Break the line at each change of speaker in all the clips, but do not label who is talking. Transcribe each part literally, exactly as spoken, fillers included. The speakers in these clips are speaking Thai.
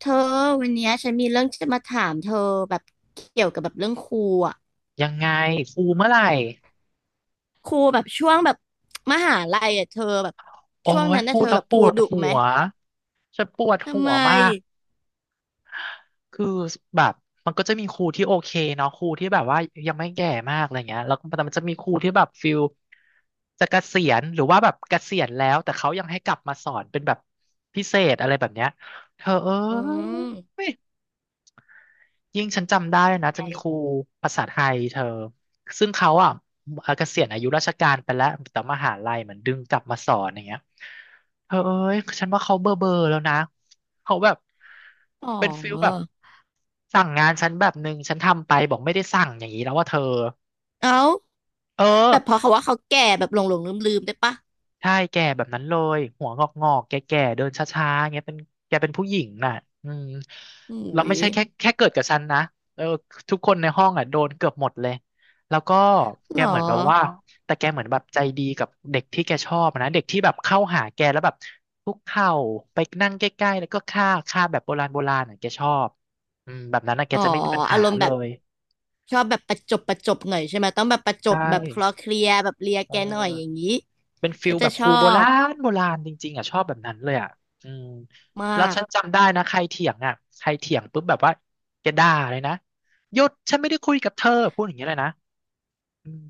เธอวันเนี้ยฉันมีเรื่องจะมาถามเธอแบบเกี่ยวกับแบบเรื่องครูอ่ะ
ยังไงครูเมื่อไหร่
ครูแบบช่วงแบบมหาลัยอ่ะเธอแบบ
โอ้
ช่วง
ย
นั้น
พู
น่ะ
ด
เธอ
แล้
แบ
ว
บ
ป
ครู
วด
ดุ
หั
ไหม
วฉันปวดหั
ทำไม
วมากคือแบบมันก็จะมีครูที่โอเคเนาะครูที่แบบว่ายังไม่แก่มากอะไรเงี้ยแล้วก็แต่มันจะมีครูที่แบบฟิลจะเกษียณหรือว่าแบบเกษียณแล้วแต่เขายังให้กลับมาสอนเป็นแบบพิเศษอะไรแบบเนี้ยเธอ
อืม
เอ้ย ยิ่งฉันจำได้นะ จะมี
ไง
ครูภาษาไทยเธอ ซึ่งเขาอ่ะเเกษียณอายุราชการไปแล้วแต่มหาลัยเหมือนดึงกลับมาสอนอย่างเงี้ยเธอเอ้ยฉันว่าเขาเบอร์เบอร์แล้วนะเขาแบบ
อ๋
เป็นฟิลแบบ
อ
สั่งงานฉันแบบหนึ่งฉันทำไปบอกไม่ได้สั่งอย่างนี้แล้วว่าเธอ
เอ้า
เออ
แบบเพอเขาว่าเขาแก่แบบหลงหลงลืมลืมๆได้ปะ
ใช่แก่แบบนั้นเลยหัวงอกงอกแก่ๆเดินช้าๆอย่างเงี้ยเป็นแกเป็นผู้หญิงน่ะอืม
อุ้
เราไม่
ย
ใช่แค่แค่เกิดกับฉันนะเออทุกคนในห้องอ่ะโดนเกือบหมดเลยแล้วก็
ห
แก
ร
เหมือนแบบว่า
อ
แต่แกเหมือนแบบใจดีกับเด็กที่แกชอบนะเด็กที่แบบเข้าหาแกแล้วแบบคุกเข่าไปนั่งใกล้ๆแล้วก็ค่าค่าแบบโบราณโบราณอ่ะแกชอบอืมแบบนั้นอ่ะแก
อ๋อ
จะไม่มีปัญ
อา
หา
รมณ์
เล
แบบ
ย
ชอบแบบประจบประจบหน่อยใช่ไหมต้องแบบประจ
ใช
บแบบคลอ
่
เคลียร์แบบเลีย
เอ
แก
อ
หน่อยอย่างนี้
เป็นฟิ
ก็
ล
จะ
แบบ
ช
ครู
อ
โบรา
บ
ณโบราณจริงๆอ่ะชอบแบบนั้นเลยอ่ะอืม
ม
แล้ว
าก
ฉันจำได้นะใครเถียงอ่ะใครเถียงปุ๊บแบบว่าแกด่าเลยนะหยุดฉันไม่ได้คุยกับเธอพูดอย่างเงี้ยเลยนะอืม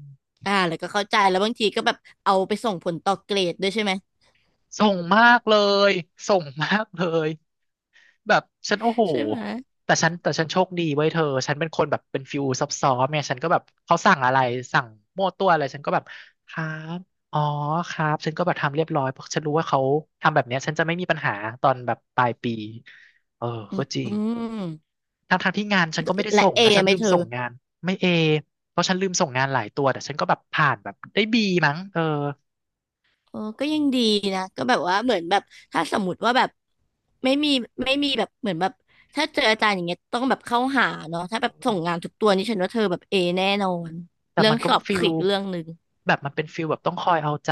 อ่าแล้วก็เข้าใจแล้วบางทีก็แบบเอาไปส่งผลต่อเกรดด้วยใช่ไหม
ส่งมากเลยส่งมากเลย แบบฉันโอ้โห
ใช่ไหม
แต่ฉันแต่ฉันโชคดีไว้ยเธอฉันเป็นคนแบบเป็นฟิวซับซ้อนเนี่ยฉันก็แบบเขาสั่งอะไรสั่งมั่วตัวอะไรฉันก็แบบครับอ๋อครับฉันก็แบบทำเรียบร้อยเพราะฉันรู้ว่าเขาทำแบบเนี้ยฉันจะไม่มีปัญหาตอนแบบปลายปีเออ
อื
ก็
ม
จริ
อื
ง
ม
ทั้งทางที่งานฉันก็ไม่ได้
และ
ส่ง
เอ
นะฉัน
ไหม
ลืม
เธ
ส่
อ
งงานไม่เอเพราะฉันลืมส่งงานหลายตัวแต่ฉันก็แบบผ่านแบบได้บีมั้งเออ
โอ้ก็ยังดีนะก็แบบว่าเหมือนแบบถ้าสมมติว่าแบบไม่มีไม่มีแบบเหมือนแบบถ้าเจออาจารย์อย่างเงี้ยต้องแบบเข้าหาเนาะถ้าแบบส่งงานทุกตัวนี่ฉันว่าเธอแบบเอแน่นอน
แต่
เรื่อ
มั
ง
นก็
สอบ
ฟิ
คื
ล
ออีกเรื่องหนึ่ง
แบบมันเป็นฟิลแบบต้องคอยเอาใจ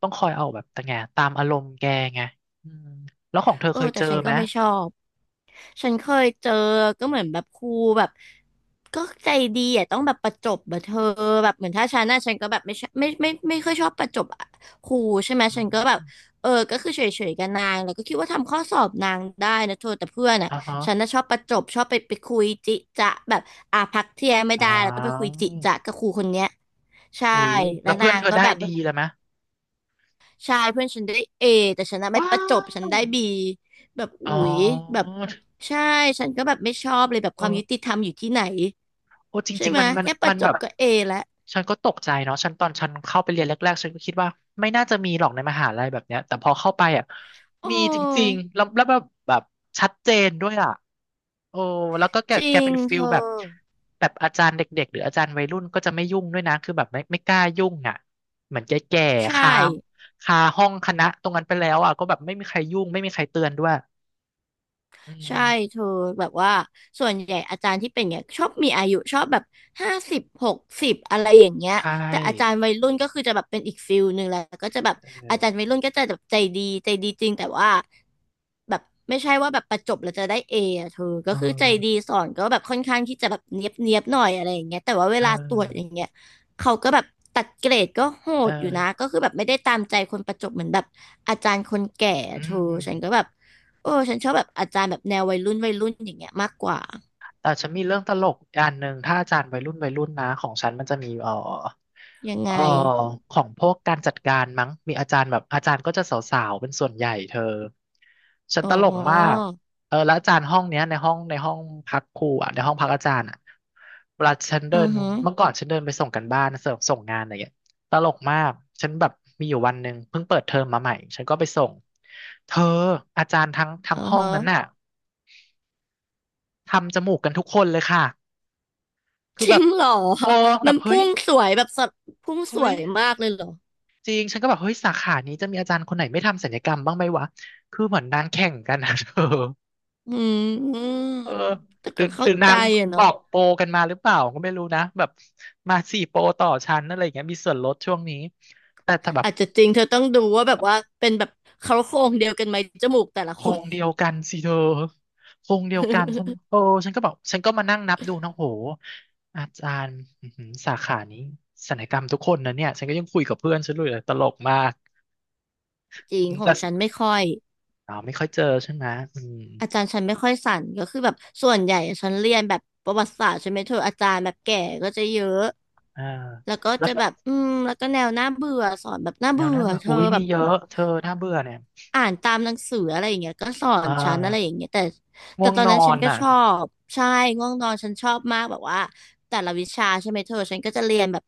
ต้องคอยเอาแบบแต่ไงตามอารมณ์แกไงอืมแล้วของเธอ
เออ
เคย
แต่
เจอ
ฉัน
ไห
ก็
ม
ไม่ชอบฉันเคยเจอก็เหมือนแบบครูแบบก็ใจดีอ่ะต้องแบบประจบแบบเธอแบบเหมือนถ้าฉันน่ะฉันก็แบบไม่ชอบไม่ไม่ไม่ไม่ค่อยชอบประจบอะครูใช่ไหม
อื
ฉันก็แบบ
ม
เออก็คือเฉยๆกับนางแล้วก็คิดว่าทำข้อสอบนางได้นะเธอแต่เพื่อนอ่ะ
อ่าฮะ
ฉันน่ะชอบประจบชอบไปไปคุยจิจะแบบอ่ะพักเที่ยงไม่
อ่า
ได้แล้วต้องไปคุยจิจะกับครูคนเนี้ยใช่
อุ้ยแล้
แล้
ว
ว
เพื่
นา
อน
ง
เธอ
ก็
ได้
แบบ
ดีเลยไหม
ใช่เพื่อนฉันได้เอแต่ฉันน่ะไม่
ว้า
ประจบฉัน
ว
ได้บีแบบ
อ๋อ
อุ๋ยแบบใช่ฉันก็แบบไม่ชอบเลยแบบ
เอ
ความ
อ
ยุติธรรมอยู่ที่ไหน
โอ้จ
ใช่
ริง
ไหม
ๆมัน
ย
มัน
แค่ป
มั
ระ
น
จ
แบ
บ
บ
ก็เอแล้ว
ฉันก็ตกใจเนาะฉันตอนฉันเข้าไปเรียนแรกๆฉันก็คิดว่าไม่น่าจะมีหรอกในมหาลัยแบบเนี้ยแต่พอเข้าไปอ่ะ
โอ
มีจริง
้
ๆแล้วแล้วแบบแบบชัดเจนด้วยอ่ะโอ้แล้วก็แก
จริ
แก
ง
เป็นฟิ
เธ
ล
อ
แบบแบบอาจารย์เด็กๆหรืออาจารย์วัยรุ่นก็จะไม่ยุ่งด้วยนะคือแบบไม่ไม่กล้ายุ่งอ่ะเหมือนแก่ๆ
ใช่
คาคาห้องคณะตรงนั้นไปแล้วอ่ะก็แบบไม่มีใครยุ่งไม่มีใครเตือนด้วยอื
ใช่
ม
เธอแบบว่าส่วนใหญ่อาจารย์ที่เป็นเงี้ยชอบมีอายุชอบแบบห้าสิบหกสิบอะไรอย่างเงี้ย
ใช
แต่อาจาร
่
ย์วัยรุ่นก็คือจะแบบเป็นอีกฟิลหนึ่งแหละก็จะแบบ
เอ
อาจารย์วั
อ
ยรุ่นก็จะแบบใจดีใจดีจริงแต่ว่าแบบไม่ใช่ว่าแบบประจบแล้วจะได้เออะเธอ
เอ
ก็คือใจดี
อ
สอนก็แบบค่อนข้างที่จะแบบเนียบเนียบหน่อยอะไรอย่างเงี้ยแต่ว่าเว
เอ
ลาตรวจอย่า
อ
งเงี้ยเขาก็แบบตัดเกรดก็โห
เออ
ดอยู่นะก็คือแบบไม่ได้ตามใจคนประจบเหมือนแบบอาจารย์คนแก่อะ
อื
เธอฉันก็
ม
แบบ เออฉันชอบแบบอาจารย์แบบแนววัยรุ่นวัยรุ่นอย่างเงี้ยมากกว่า
แต่ฉันมีเรื่องตลกอันหนึ่งถ้าอาจารย์วัยรุ่นวัยรุ่นนะของฉันมันจะมีเอ่อ
ยังไง
เอ่อของพวกการจัดการมั้งมีอาจารย์แบบอาจารย์ก็จะสาวๆเป็นส่วนใหญ่เธอฉัน
อ๋อ
ตลกมากเออแล้วอาจารย์ห้องเนี้ยในห้องในห้องพักครูอ่ะในห้องพักอาจารย์อ่ะเวลาฉันเดิ
อื
น
อฮึ
เมื่อก่อนฉันเดินไปส่งกันบ้านส่งส่งงานอะไรเงี้ยตลกมากฉันแบบมีอยู่วันหนึ่งเพิ่งเปิดเทอมมาใหม่ฉันก็ไปส่งเธออาจารย์ทั้งทั้ง
อือ
ห้อง
ฮะ
นั้นน่ะทำจมูกกันทุกคนเลยค่ะ คือ
จ
แบ
ริ
บ
งเหรอ
โอ้แบ
มั
บ
น
เฮ้
พุ่
ย
งสวยแบบสัตว์พุ่งส
เฮ้
ว
ย
ยมากเลยเหรอ
จริงฉันก็แบบเฮ้ยสาขานี้จะมีอาจารย์คนไหนไม่ทำศัลยกรรมบ้างไหมวะคือเหมือนนางแข่งกันนะ เธอ
อืม
เออ
แต่
หรือ
ก็
ห
เข้า
รือ
ใจ
นาง
อะ
บ
เนาะ
อกโปรกันมาหรือเปล่าก็ไม่รู้นะแบบมาสี่โปรต่อชั้นอะไรอย่างเงี้ยมีส่วนลดช่วงนี้แต่แต่แบบ
อาจจะจริงเธอต้องดูว่าแบบว่าเป็นแบบเขาโครงเดียวกันไหมจมูกแต่ละ
โค
ค
ร
น
งเดียวกันสิเธอโครงเดียวกันฉันโอ้ ฉันก็บอกฉันก็มานั่งนับดูนะโหอาจารย์อื้อหือสาขานี้ศัลยกรรมทุกคนนะเนี่ยฉันก็ยังคุยกับเพื่อนฉันเลยตลกมาก
จริง
อืม
ขอ
แต่
งฉันไม่ค่อย
อ๋อไม่ค่อยเจอใช่ไหมอืม
อาจารย์ฉันไม่ค่อยสั่นก็คือแบบส่วนใหญ่ฉันเรียนแบบประวัติศาสตร์ใช่ไหมเธออาจารย์แบบแก่ก็จะเยอะ
อ่า
แล้วก็
แล้ว
จะแบบอืมแล้วก็แนวน่าเบื่อสอนแบบน่า
แนว
เบื่
น่า
อ
เบื่อ
เธ
อุ้
อ
ย
แบ
มี
บ
เยอะเธอน่าเบื่อเนี่ย
อ่านตามหนังสืออะไรอย่างเงี้ย ก็สอ
เอ่
นฉันอะไรอ
อ
ย่างเงี้ยแต่
ง่
แต่
วง
ตอน
นอ
นั้นฉัน
น
ก็
อ่ะ
ชอบใช่ง่วงนอนฉันชอบมากแบบว่าแต่ละวิชาใช่ไหมเธอฉันก็จะเรียนแบบ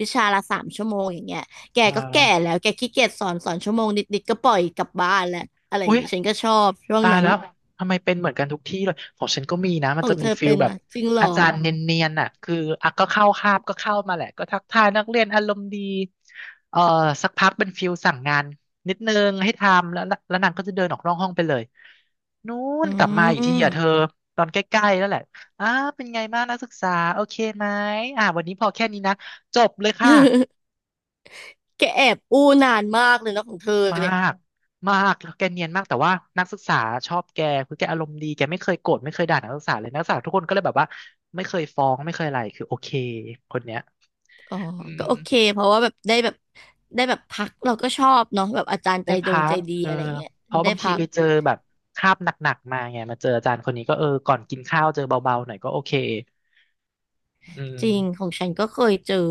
วิชาละสามชั่วโมงอย่างเงี้ยแก
เอ่อ
ก็แก่แล้วแกขี้เกียจสอนสอนชั่วโมงนิดๆก็ปล่อยกลับบ้านแหละอะไรอย่า
อุ้
ง
ย
เงี้ยฉันก็ชอบช่วง
ตาย
นั้น
แล้วทำไมเป็นเหมือนกันทุกที่เลยของฉันก็มีนะมั
ข
น
อง
จะ
เธ
มี
อ
ฟิล
เป็น
แบ
ไหม
บ
จริงเหรอ
อาจารย์เนียนๆน่ะคืออ่ะก็เข้าคาบก็เข้ามาแหละก็ทักทายนักเรียนอารมณ์ดีเอ่อสักพักเป็นฟิลสั่งงานนิดนึงให้ทำแล้วแล้วนางก็จะเดินออกนอกห้องไปเลยนู้
อื
นกลับมาอีกที
ม
อ่ะเธอตอนใกล้ๆแล้วแหละอ้าเป็นไงบ้างนักศึกษาโอเคไหมอ่าวันนี้พอแค่นี้นะจบเลยค่ะ
แกแอบอู้นานมากเลยเนอะของเธอ
มา
เนี่ย
กมากแล้วแกเนียนมากแต่ว่านักศึกษาชอบแกคือแกอารมณ์ดีแกไม่เคยโกรธไม่เคยด่านักศึกษาเลยนักศึกษาทุกคนก็เลยแบบว่าไม่เคยฟ้องไม่เคยอะไรคือโอเคคนเนี้ย
อ๋อ
อื
ก็โอเค
ม
เพราะว่าแบบได้แบบได้แบบพักเราก็ชอบเนาะแบบอาจารย์ใจ
ได้
ด
พั
งใจ
ก
ดี
เออ
อะไรเงี้ย
เพราะ
ได้
บางที
พัก
ไปเจอแบบคาบหนักๆมาไงมาเจออาจารย์คนนี้ก็เออก่อนกินข้าวเจอเบาๆหน่อยก็โอเคอื
จริงข
ม
องฉันก็เคยเจอ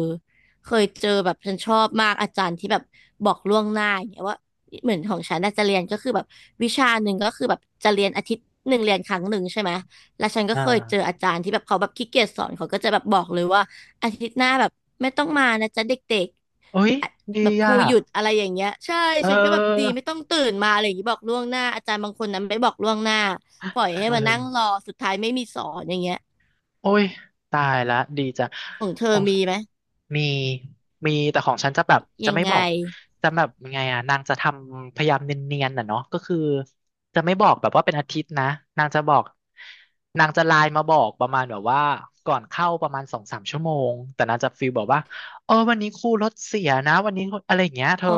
เคยเจอแบบฉันชอบมากอาจารย์ที่แบบบอกล่วงหน้าอย่างเงี้ยว่าเหมือนของฉันน่าจะเรียนก็คือแบบวิชาหนึ่งก็คือแบบจะเรียนอาทิตย์หนึ่งเรียนครั้งหนึ่งใช่ไหมแล้วฉันก็
อ่
เคยเจอ
า
อาจารย์ที่แบบเขาแบบขี้เกียจสอนเขาก็จะแบบบอกเลยว่าอาทิตย์หน้าแบบไม่ต้องมานะจ๊ะเด็ก
โอ้ย
อะ
ดี
แบบค
อ่ะ
รูหยุดอะไรอย่างเงี้ยใช่
เอ
ฉันก็แบบดี
อ
ไม่ต้องตื่นมาอะไรอย่างงี้บอกล่วงหน้าอาจารย์บางคนนั้นไม่บอกล่วงหน้าปล่อยให้
เอ
มา
อ
นั่งรอสุดท้ายไม่มีสอนอย่างเงี้ย
โอ้ยตายละดีจัง
ของเธอ
ของ
มีไหม
มีมีแต่ของฉันจะแบบจะ
ยัง
ไม่
ไง
บอกจะแบบยังไงอ่ะนางจะทำพยายามเนียนๆน่ะเนาะก็คือจะไม่บอกแบบว่าเป็นอาทิตย์นะนางจะบอกนางจะไลน์มาบอกประมาณแบบว่า ก่อนเข้าประมาณสองสามชั่วโมงแต่นางจะฟีลบอกว่าเออวันนี้ครูรถเสียนะวันนี้อะไรอย่างเงี้ยเธอ
อ๋อ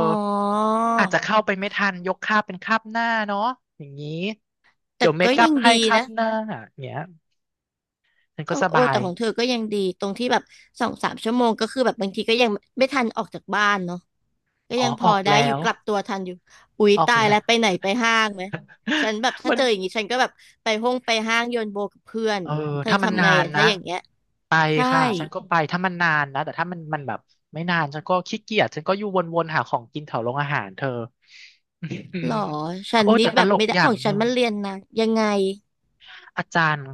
อาจจะเข้าไปไม่ทันยกคาบเป็นคาบหน้าเนาะอย่างนี้เดี๋
แต่
ยวเม
ก็
คอั
ยั
พ
ง
ให้
ดี
คาบ
นะ
หน้าอย่างเงี้ยฉันก็
โอ้
ส
โอ้
บาย
แต่ของเธอก็ยังดีตรงที่แบบสองสามชั่วโมงก็คือแบบบางทีก็ยังไม่ทันออกจากบ้านเนาะก็
อ๋อ
ยังพ
อ
อ
อก
ได้
แล้
อยู่
ว
กลับตัวทันอยู่อุ๊ย
ออก
ตาย
แล้ว
แล้วไปไหนไปห้างไหมฉันแบบ ถ้า
มัน
เจออย่างนี้ฉันก็แบบไปห้องไปห้างโยนโบกับเพื่อน
เออ
เธอ
ถ้ามัน
ทำ
นา
ไง
น
อะถ้า
นะ
อย่างเงี้ย
ไป
ใช่
ค่ะฉันก็ไปถ้ามันนานนะแต่ถ้ามันมันแบบไม่นานฉันก็ขี้เกียจฉันก็อยู่วนๆหาของกินแถวโรงอาหารเธอ
หรอฉั น
โอ้
นี่
แต่ต
แบบ
ลก
ไม่ได้
อ
ข
ย่า
อ
ง
ง
ห
ฉั
นึ่
น
ง
มันเรียนนะยังไง
อาจารย์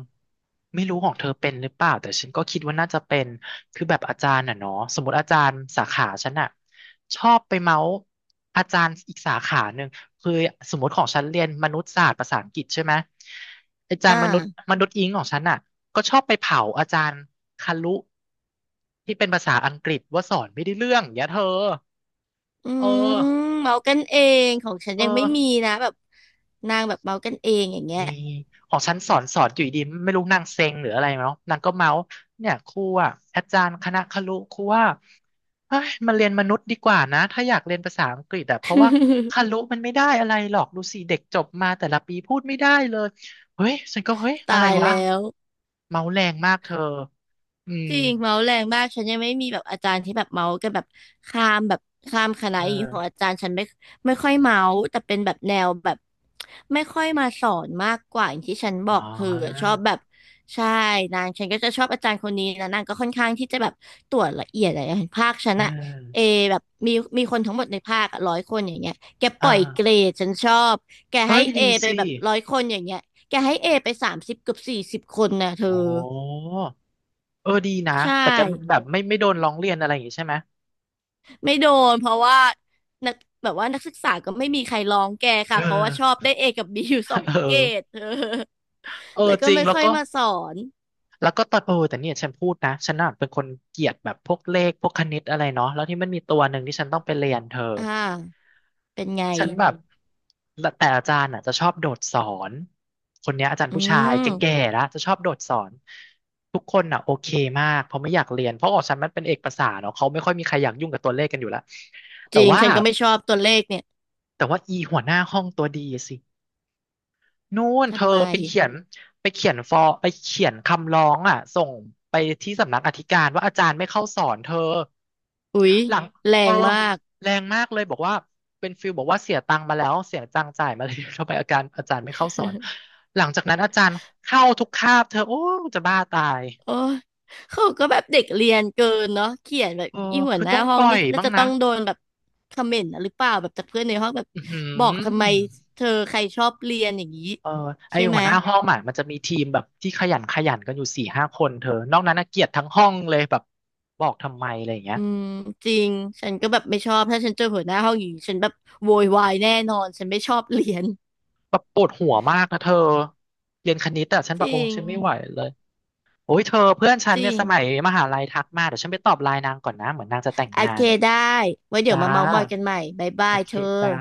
ไม่รู้ของเธอเป็นหรือเปล่าแต่ฉันก็คิดว่าน่าจะเป็นคือแบบอาจารย์น่ะเนาะสมมติอาจารย์สาขาฉันน่ะชอบไปเมาส์อาจารย์อีกสาขาหนึ่งคือสมมติของฉันเรียนมนุษยศาสตร์ภาษาอังกฤษใช่ไหมอาจาร
อ่า
ย์มนุษย์มนุษย์อิงของฉันน่ะก็ชอบไปเผาอาจารย์คารุที่เป็นภาษาอังกฤษว่าสอนไม่ได้เรื่องอย่างเงี้ยเธอ
อื
เออ
มเมากันเองของฉัน
เออ
ยังไม่มีนะแบบนางแบบเมากันเองอย่างเงี้ย
มีของฉันสอนสอนอยู่ดีๆไม่รู้นางเซ็งหรืออะไรเนาะนางก็เมาส์เนี่ยครูอ่ะอาจารย์คณะครุครูว่าเฮ้ยมาเรียนมนุษย์ดีกว่านะถ้าอยากเรียนภาษาอังกฤษอะเพราะว่าครุมันไม่ได้อะไรหรอกดูสิเด็กจบมาแต่ละปีพูดไม่ได้เลยเฮ้ยฉันก็เฮ้ยอะไร
ตาย
วะ
แล้ว
เมาส์แรงมากเธออืม
จริงเมาส์แรงมากฉันยังไม่มีแบบอาจารย์ที่แบบเมาส์กันแบบข้ามแบบข้ามคณะ
เออ
อีกของอาจารย์ฉันไม่ไม่ค่อยเมาส์แต่เป็นแบบแนวแบบไม่ค่อยมาสอนมากกว่าอย่างที่ฉันบ
อ๋
อ
อ
กเธอชอบแบบใช่นางฉันก็จะชอบอาจารย์คนนี้นะนางก็ค่อนข้างที่จะแบบตรวจละเอียดอะไรภาคฉัน
เอ
อะ
อ
เอแบบมีมีคนทั้งหมดในภาคร้อยคนอย่างเงี้ยแกป
อ่
ล่อยเกร
า
ดฉันชอบแก
เอ้
ให้
ย
เอ
ดี
ไป
สิ
แบบร้อยคนอย่างเงี้ยแกให้เอไปสามสิบเกือบสี่สิบคนนะเธอ
โอ้เออดีนะ
ใช่
แต่แกแบบไม่ไม่โดนร้องเรียนอะไรอย่างงี้ใช่ไหม
ไม่โดนเพราะว่านักแบบว่านักศึกษาก็ไม่มีใครร้องแก
เอ
ค่ะ
อ
เพราะว่าชอบได้เอกับบีอยู่สอ ง
เ
เกรด
ออ
เออ
เออ
แล้ว
จ
ก็
ริง
ไม่
แล้ว
ค่อย
ก็
มาสอน
แล้วก็ตอนเออแต่เนี่ยฉันพูดนะฉันน่ะเป็นคนเกลียดแบบพวกเลขพวกคณิตอะไรเนาะแล้วที่มันมีตัวหนึ่งที่ฉันต้องไปเรียนเธอ
อ่าเป็นไง
ฉันแบบและแต่อาจารย์อ่ะจะชอบโดดสอนคนเนี้ยอาจารย์
อื
ผู้ชายแก่
ม
ๆแล้วจะชอบโดดสอนทุกคนอ่ะโอเคมากเพราะไม่อยากเรียนเพราะออกฉันมันเป็นเอกภาษาเนาะเขาไม่ค่อยมีใครอยากยุ่งกับตัวเลขกันอยู่แล้ว
จ
แต่
ริง
ว่า
ฉันก็ไม่ชอบตัวเลขเนี่ย
แต่ว่าอีหัวหน้าห้องตัวดีสิ นู่นเธอ
ทำไม
ไปเขียนไปเขียนฟอร์ไปเขียนคำร้องอ่ะส่งไปที่สำนักอธิการว่าอาจารย์ไม่เข้าสอนเธอ
อุ๊ย
หลัง
แร
เออ
งมาก
แรงมากเลยบอกว่าเป็นฟิลบอกว่าเสียตังค์มาแล้วเสียตังค์จ่ายมาเลย ทำไมอาการอาจารย์ไม่เข้าสอน หลังจากนั้นอาจารย์เข้าทุกคาบเธอโอ้จะบ้าตาย
โอ้ยเขาก็แบบเด็กเรียนเกินเนาะเขียนแบบ
เออ
อีหัว
คือ
หน้า
ต้อง
ห้
ป
อง
ล่อ
นี่
ย
น่า
บ้าง
จะต้
นะ
องโดนแบบคอมเมนต์นะหรือเปล่าแบบจากเพื่อนในห้องแบบ
อือหื
บอกทำไม
อ
เธอใครชอบเรียนอย่างนี้
เออไอ
ใช่ไห
หั
ม
วหน้าห้องอ่ะมันจะมีทีมแบบที่ขยันขยันกันอยู่สี่ห้าคนเธอนอกนั้นน่ะเกลียดทั้งห้องเลยแบบบอกทำไมอะไรอย่างเงี้ย
อืมจริงฉันก็แบบไม่ชอบถ้าฉันเจอหัวหน้าห้องอย่างนี้ฉันแบบโวยวายแน่นอนฉันไม่ชอบเรียน
แบบปวดหัวมากนะเธอเรียนคณิตอะฉัน
จ
แบบโอ้
ริง
ฉันไม่ไหวเลยโอ้ยเธอเพื่อนฉัน
จ
เนี่
ริ
ย
ง
สมัยมหาลัยทักมาเดี๋ยวฉันไปตอบไลน์นางก่อนนะเหมือนนางจะแต่ง
โอ
งา
เค
น
ได้ไว้เดี๋ยว
จ้า
มาเมาท์มอยกันใหม่บ๊าย
โอ
บาย
เค
เธอ
จ้า